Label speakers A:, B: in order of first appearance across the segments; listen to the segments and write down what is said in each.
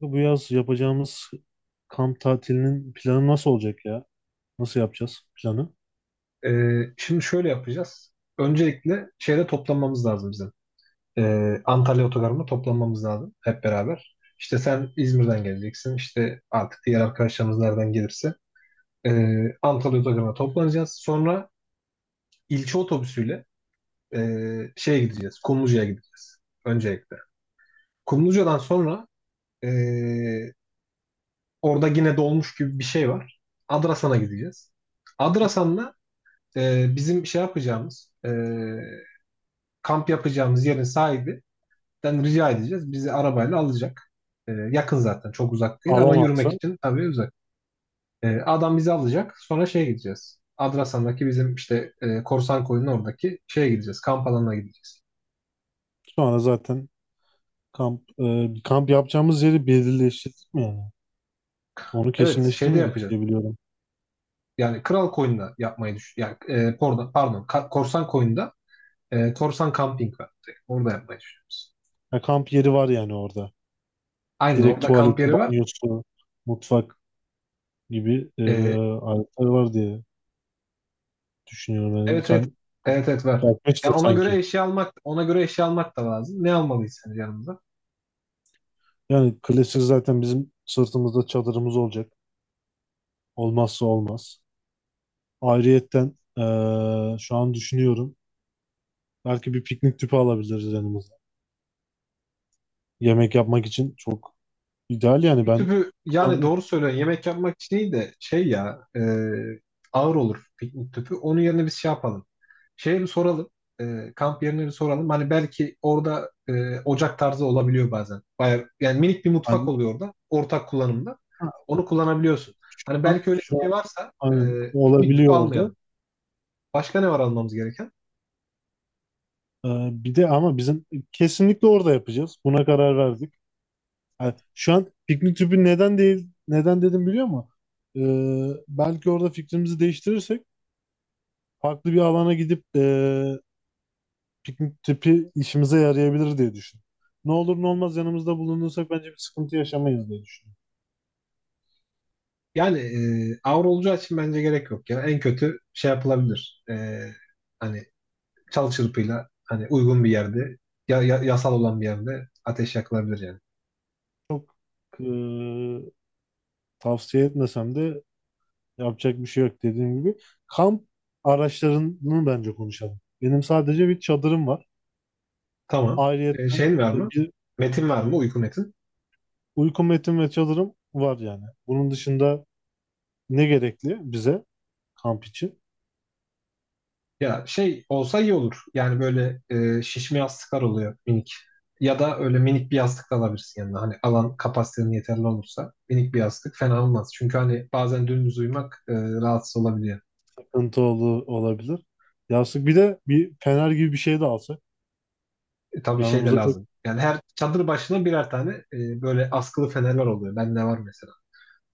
A: Bu yaz yapacağımız kamp tatilinin planı nasıl olacak ya? Nasıl yapacağız planı?
B: Şimdi şöyle yapacağız. Öncelikle şeyde toplanmamız lazım bizim. Antalya Otogarı'nda toplanmamız lazım hep beraber. İşte sen İzmir'den geleceksin. İşte artık diğer arkadaşlarımız nereden gelirse. Antalya Otogarı'na toplanacağız. Sonra ilçe otobüsüyle şeye gideceğiz. Kumluca'ya gideceğiz. Öncelikle. Kumluca'dan sonra ee, orada yine dolmuş gibi bir şey var. Adrasan'a gideceğiz. Adrasan'la bizim şey yapacağımız kamp yapacağımız yerin sahibinden rica edeceğiz. Bizi arabayla alacak. Yakın zaten, çok uzak değil, ama
A: Alamazsa
B: yürümek için tabii uzak. Adam bizi alacak. Sonra şeye gideceğiz. Adrasan'daki bizim işte Korsan Koyun'un oradaki şeye gideceğiz. Kamp alanına gideceğiz.
A: sonra zaten kamp kamp yapacağımız yeri belirleştirdik mi yani? Onu
B: Evet, şeyde
A: kesinleştirmedik
B: yapacağız.
A: diye biliyorum.
B: Yani Kral Koyun'da yapmayı düşün. Yani, Korsan Koyun'da Korsan Camping var. Orada yapmayı düşünüyoruz.
A: Ha, kamp yeri var yani orada.
B: Aynen,
A: Direkt
B: orada kamp
A: tuvaleti,
B: yeri var.
A: banyosu, mutfak gibi
B: E,
A: aletler var diye düşünüyorum. Yani
B: Evet, evet.
A: sen
B: Evet, evet, var.
A: bakmak işte
B: Yani ona göre
A: sanki.
B: eşya almak ona göre eşya almak da lazım. Ne almalıyız sence yanımıza?
A: Yani klasik zaten bizim sırtımızda çadırımız olacak. Olmazsa olmaz. Ayrıyetten e, şu an düşünüyorum. Belki bir piknik tüpü alabiliriz yanımıza. Yemek yapmak için çok ideal yani
B: Bir
A: ben
B: tüpü,
A: bu
B: yani,
A: kampı
B: doğru söylüyorsun. Yemek yapmak için iyi de, şey ya, ağır olur piknik tüpü. Onun yerine biz şey yapalım. Şeye bir soralım. Kamp yerine bir soralım. Hani belki orada ocak tarzı olabiliyor bazen. Bayağı, yani minik bir mutfak
A: ben
B: oluyor orada. Ortak kullanımda.
A: ha,
B: Onu kullanabiliyorsun. Hani
A: ha,
B: belki öyle bir
A: şu
B: şey
A: an
B: varsa
A: hani
B: piknik tüpü
A: olabiliyor orada.
B: almayalım. Başka ne var almamız gereken?
A: Bir de ama bizim kesinlikle orada yapacağız. Buna karar verdik. Yani şu an piknik tüpü neden değil neden dedim biliyor musun? Belki orada fikrimizi değiştirirsek farklı bir alana gidip piknik tüpü işimize yarayabilir diye düşündüm. Ne olur ne olmaz yanımızda bulunursak bence bir sıkıntı yaşamayız diye düşünüyorum.
B: Yani avro olacağı için bence gerek yok ya. En kötü şey yapılabilir. Hani çal çırpıyla, hani uygun bir yerde, yasal olan bir yerde ateş yakılabilir yani.
A: Çok e, tavsiye etmesem de yapacak bir şey yok dediğim gibi. Kamp araçlarını bence konuşalım. Benim sadece bir çadırım var.
B: Tamam.
A: Ayrıyetten
B: Şeyin var
A: e,
B: mı?
A: bir
B: Metin var mı? Uyku metin.
A: uyku metim ve çadırım var yani. Bunun dışında ne gerekli bize kamp için?
B: Ya, şey olsa iyi olur. Yani böyle şişme yastıklar oluyor minik. Ya da öyle minik bir yastık da alabilirsin yanına. Hani alan kapasitenin yeterli olursa minik bir yastık fena olmaz. Çünkü hani bazen dümdüz uyumak rahatsız olabiliyor.
A: Takıntı olabilir. Yastık bir de bir fener gibi bir şey de alsak.
B: Tabii şey de
A: Yanımıza çok
B: lazım. Yani her çadır başına birer tane böyle askılı fenerler oluyor. Ben ne var mesela.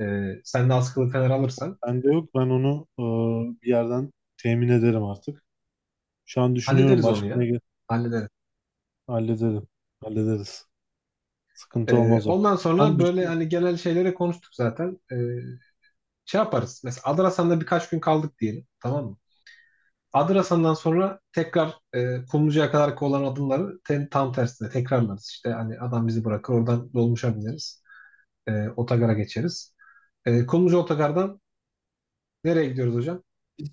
B: E, Sen de askılı fener alırsan
A: Bende yok. Ben onu bir yerden temin ederim artık. Şu an düşünüyorum
B: hallederiz onu
A: başka
B: ya. Hallederiz.
A: hallederim. Hallederiz. Sıkıntı olmaz o.
B: Ondan
A: Şu an
B: sonra böyle
A: düşün-
B: hani genel şeylere konuştuk zaten. Şey yaparız. Mesela Adrasan'da birkaç gün kaldık diyelim. Tamam mı? Adrasan'dan sonra tekrar Kumluca'ya kadar olan adımları tam tersine tekrarlarız. İşte hani adam bizi bırakır, oradan dolmuşa bineriz. Otogara geçeriz. Kumluca otogardan nereye gidiyoruz hocam?
A: Biz,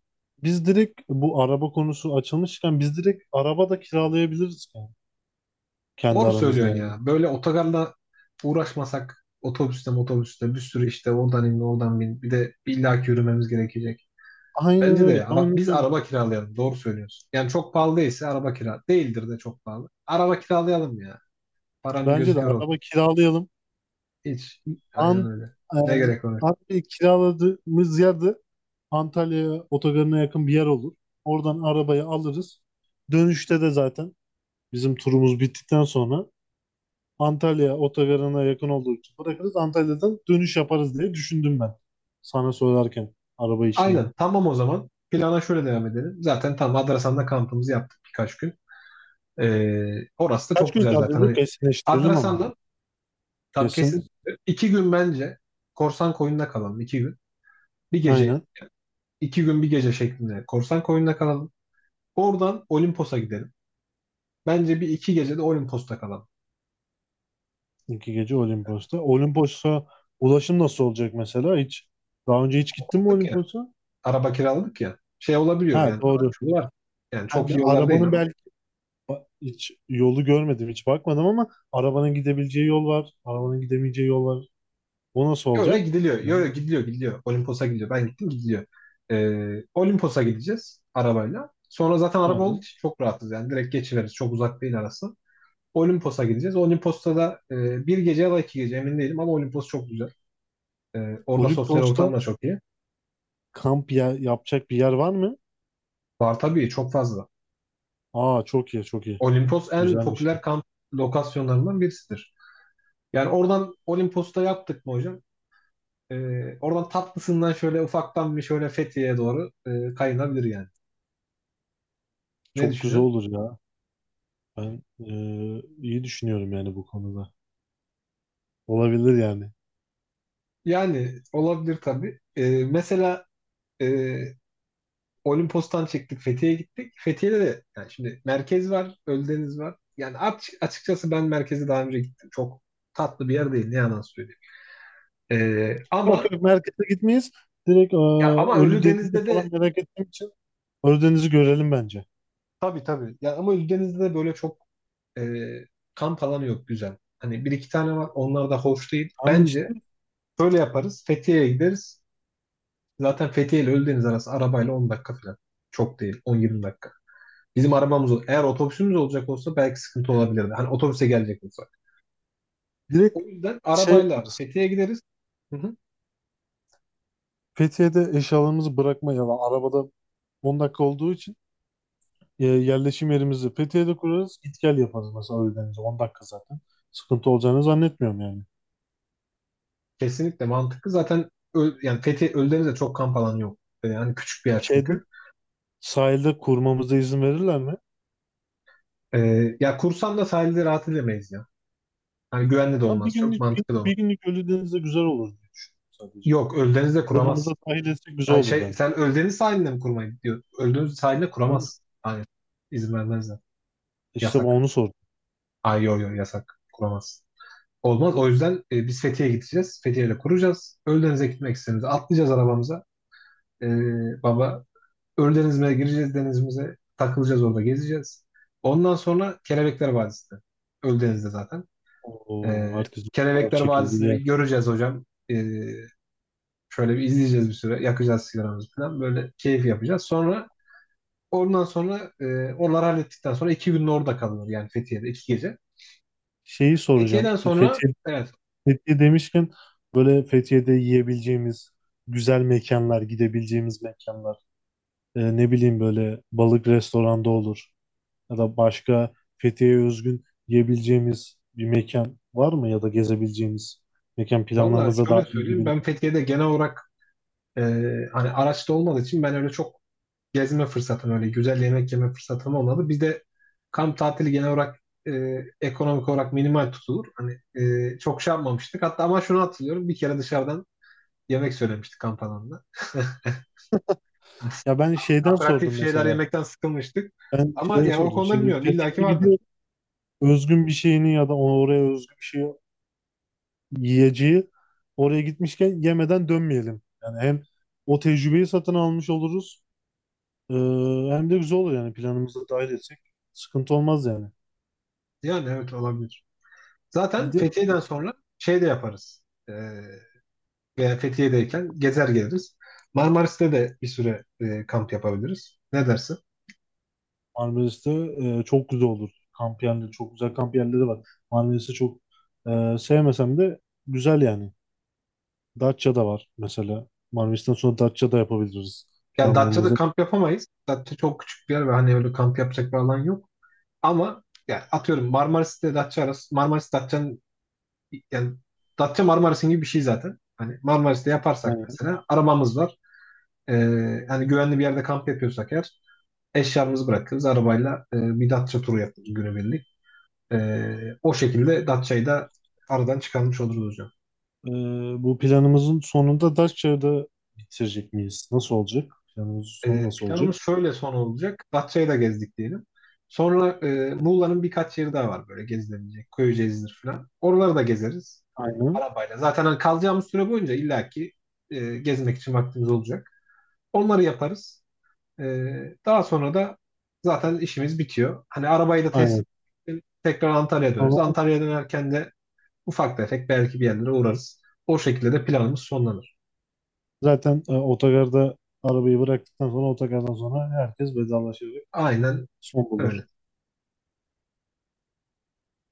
A: biz direkt bu araba konusu açılmışken biz direkt araba da kiralayabiliriz yani. Kendi
B: Doğru
A: aramızda
B: söylüyorsun
A: yani.
B: ya. Böyle otogarla uğraşmasak, otobüste bir sürü işte, oradan in oradan bin, bir de illaki yürümemiz gerekecek.
A: Aynen
B: Bence de
A: öyle.
B: ya.
A: Aynen
B: Biz
A: öyle.
B: araba kiralayalım. Doğru söylüyorsun. Yani çok pahalı değilse. Araba kira değildir de çok pahalı. Araba kiralayalım ya. Paranın
A: Bence
B: gözü
A: de
B: kör olsun.
A: araba kiralayalım.
B: Hiç. Aynen
A: An,
B: öyle.
A: e,
B: Ne gerek var?
A: abi kiraladığımız yerde Antalya otogarına yakın bir yer olur. Oradan arabayı alırız. Dönüşte de zaten bizim turumuz bittikten sonra Antalya otogarına yakın olduğu için bırakırız. Antalya'dan dönüş yaparız diye düşündüm ben. Sana söylerken araba işini.
B: Aynen. Tamam, o zaman. Plana şöyle devam edelim. Zaten tam Adrasan'da kampımızı yaptık birkaç gün. Orası da
A: Kaç
B: çok
A: gün
B: güzel
A: kaldı
B: zaten.
A: bu?
B: Hani
A: Kesinleştirelim ama.
B: Adrasan'da tam
A: Kesin.
B: kesin. 2 gün bence korsan koyunda kalalım. 2 gün. Bir gece,
A: Aynen.
B: 2 gün bir gece şeklinde korsan koyunda kalalım. Oradan Olimpos'a gidelim. Bence bir iki gece de Olimpos'ta kalalım.
A: İki gece Olimpos'ta. Olimpos'a ulaşım nasıl olacak mesela? Hiç daha önce hiç gittin mi
B: Aldık ya.
A: Olimpos'a?
B: Araba kiraladık ya. Şey olabiliyor
A: Ha
B: yani.
A: doğru.
B: Araç yolu var. Yani
A: Ha,
B: çok iyi
A: bir
B: yollar değil
A: arabanın
B: ama.
A: hiç yolu görmedim, hiç bakmadım ama arabanın gidebileceği yol var. Arabanın gidemeyeceği yol var. O nasıl
B: Yok ya,
A: olacak?
B: gidiliyor. Yok,
A: Hı.
B: yok, gidiliyor, gidiliyor. Olimpos'a gidiliyor. Ben gittim, gidiliyor. Olimpos'a gideceğiz arabayla. Sonra zaten araba olduğu
A: Aynen.
B: için çok rahatız yani. Direkt geçiveriz. Çok uzak değil arası. Olimpos'a gideceğiz. Olimpos'ta da bir gece ya da 2 gece, emin değilim, ama Olimpos çok güzel. E, Orada sosyal ortam
A: Olimpos'ta
B: da çok iyi.
A: kamp yapacak bir yer var mı?
B: Var tabii, çok fazla.
A: Aa çok iyi, çok iyi.
B: Olimpos en
A: Güzelmiş.
B: popüler kamp lokasyonlarından birisidir. Yani oradan, Olimpos'ta yaptık mı hocam? E, Oradan tatlısından şöyle ufaktan bir şöyle Fethiye'ye doğru kayınabilir yani. Ne
A: Çok güzel
B: düşünüyorsun?
A: olur ya. Ben iyi düşünüyorum yani bu konuda. Olabilir yani.
B: Yani olabilir tabii. Mesela e, Olimpos'tan çıktık, Fethiye'ye gittik. Fethiye'de de, yani, şimdi merkez var, Ölüdeniz var. Yani açıkçası ben merkeze daha önce gittim. Çok tatlı bir yer değil, ne yalan söyleyeyim. Ama
A: Yok yok merkeze gitmeyiz. Direkt
B: ya ama
A: Ölüdeniz'i
B: Ölüdeniz'de
A: falan
B: de,
A: merak ettiğim için Ölüdeniz'i görelim bence.
B: tabii, tabii. Ya ama Ölüdeniz'de de böyle çok e, kamp alanı yok güzel. Hani bir iki tane var. Onlar da hoş değil.
A: Tamam
B: Bence
A: işte.
B: şöyle yaparız. Fethiye'ye gideriz. Zaten Fethiye ile Ölüdeniz arası arabayla 10 dakika falan. Çok değil. 10-20 dakika. Bizim arabamız eğer otobüsümüz olacak olsa belki sıkıntı olabilirdi. Hani otobüse gelecek olsa.
A: Direkt
B: O yüzden
A: şey
B: arabayla
A: yaparız.
B: Fethiye'ye gideriz. Hı hı.
A: Fethiye'de eşyalarımızı bırakmayalım. Arabada 10 dakika olduğu için yerleşim yerimizi Fethiye'de kurarız. Git gel yaparız mesela Ölüdeniz'e. 10 dakika zaten. Sıkıntı olacağını zannetmiyorum yani.
B: Kesinlikle mantıklı. Zaten yani Fethiye Ölüdeniz'de çok kamp alanı yok. Yani hani küçük bir yer
A: Şeyde
B: çünkü.
A: sahilde kurmamıza izin verirler mi?
B: Ya kursam da sahilde rahat edemeyiz ya. Hani güvenli de
A: Ama bir
B: olmaz. Çok
A: günlük
B: mantıklı da olur.
A: bir günlük Ölüdeniz'de güzel olur diye düşünüyorum sadece.
B: Yok, Ölüdeniz'de kuramaz.
A: Planımıza dahil etsek güzel
B: Ha,
A: olur
B: şey,
A: bence.
B: sen Ölüdeniz sahiline mi kurmayı diyor? Ölüdeniz sahiline
A: Aynen.
B: kuramaz. Hayır. İzin vermezler.
A: İşte bu
B: Yasak.
A: onu soruyorum.
B: Ay, yo, yo, yasak. Kuramaz. Olmaz. O yüzden biz Fethiye'ye gideceğiz. Fethiye'yle kuracağız. Ölüdeniz'e gitmek istediğimizde atlayacağız arabamıza. Ee, Baba Ölü denizine gireceğiz, denizimize. Takılacağız, orada gezeceğiz. Ondan sonra Kelebekler Vadisi'nde. Ölü denizde zaten.
A: Oo, herkesin fotoğraf
B: Kelebekler
A: çekildiği
B: Vadisi'ni bir
A: yer.
B: göreceğiz hocam. Ee, Şöyle bir izleyeceğiz bir süre. Yakacağız sigaramızı falan. Böyle keyif yapacağız. Ondan sonra onları hallettikten sonra 2 gün orada kalınır. Yani Fethiye'de 2 gece.
A: Şeyi soracağım.
B: Fethiye'den sonra, evet.
A: Fethiye demişken böyle Fethiye'de yiyebileceğimiz güzel mekanlar, gidebileceğimiz mekanlar. Ne bileyim böyle balık restoranda olur. Ya da başka Fethiye'ye özgün yiyebileceğimiz bir mekan var mı? Ya da gezebileceğimiz mekan
B: Valla
A: planlarımıza dahil
B: şöyle söyleyeyim,
A: edebiliriz.
B: ben Fethiye'de genel olarak e, hani araçta olmadığı için ben öyle çok gezme fırsatım, öyle güzel yemek yeme fırsatım olmadı. Bir de kamp tatili genel olarak e, ekonomik olarak minimal tutulur. Hani çok şey yapmamıştık. Hatta, ama şunu hatırlıyorum. Bir kere dışarıdan yemek söylemiştik kamp alanında.
A: Ya ben şeyden sordum
B: Aperatif şeyler
A: mesela.
B: yemekten sıkılmıştık.
A: Ben
B: Ama
A: şeye
B: yani o
A: sordum.
B: konuda
A: Şimdi
B: bilmiyorum. İlla ki
A: Fethiye'ye gidiyor.
B: vardır.
A: Özgün bir şeyini ya da oraya özgü bir şey yiyeceği oraya gitmişken yemeden dönmeyelim. Yani hem o tecrübeyi satın almış oluruz e, hem de güzel olur yani planımıza dahil etsek sıkıntı olmaz yani.
B: Yani, evet, olabilir.
A: Bir
B: Zaten
A: de
B: Fethiye'den sonra şey de yaparız. E, Veya Fethiye'deyken gezer geliriz. Marmaris'te de bir süre kamp yapabiliriz. Ne dersin?
A: Marmaris'te çok güzel olur. Kamp yerleri çok güzel kamp yerleri var. Marmaris'i çok sevmesem de güzel yani. Datça'da var mesela. Marmaris'ten sonra Datça'da yapabiliriz
B: Yani Datça'da
A: planlarımızı.
B: kamp yapamayız. Datça çok küçük bir yer ve hani öyle kamp yapacak bir alan yok. Ama yani, atıyorum, Marmaris ile Datça arası, Marmaris Datça'nın, yani Datça Marmaris'in gibi bir şey zaten. Hani Marmaris'te yaparsak,
A: Aynen.
B: mesela, arabamız var. Hani güvenli bir yerde kamp yapıyorsak eğer, eşyamızı bırakırız arabayla, bir Datça turu yaparız günübirlik. Ee, O şekilde Datça'yı da aradan çıkarmış oluruz hocam.
A: E, bu planımızın sonunda Datça'da bitirecek miyiz? Nasıl olacak? Planımızın sonu nasıl olacak?
B: Planımız şöyle son olacak. Datça'yı da gezdik diyelim. Sonra Muğla'nın birkaç yeri daha var, böyle gezilebilecek. Köyceğiz'dir falan. Oraları da gezeriz
A: Aynen.
B: arabayla. Zaten hani kalacağımız süre boyunca illaki gezmek için vaktimiz olacak. Onları yaparız. E, Daha sonra da zaten işimiz bitiyor. Hani arabayı da test,
A: Aynen.
B: tekrar Antalya'ya döneriz.
A: Ama
B: Antalya'ya dönerken de ufak tefek belki bir yerlere uğrarız. O şekilde de planımız sonlanır.
A: zaten otogarda arabayı bıraktıktan sonra otogardan sonra herkes vedalaşarak
B: Aynen
A: son bulur.
B: öyle.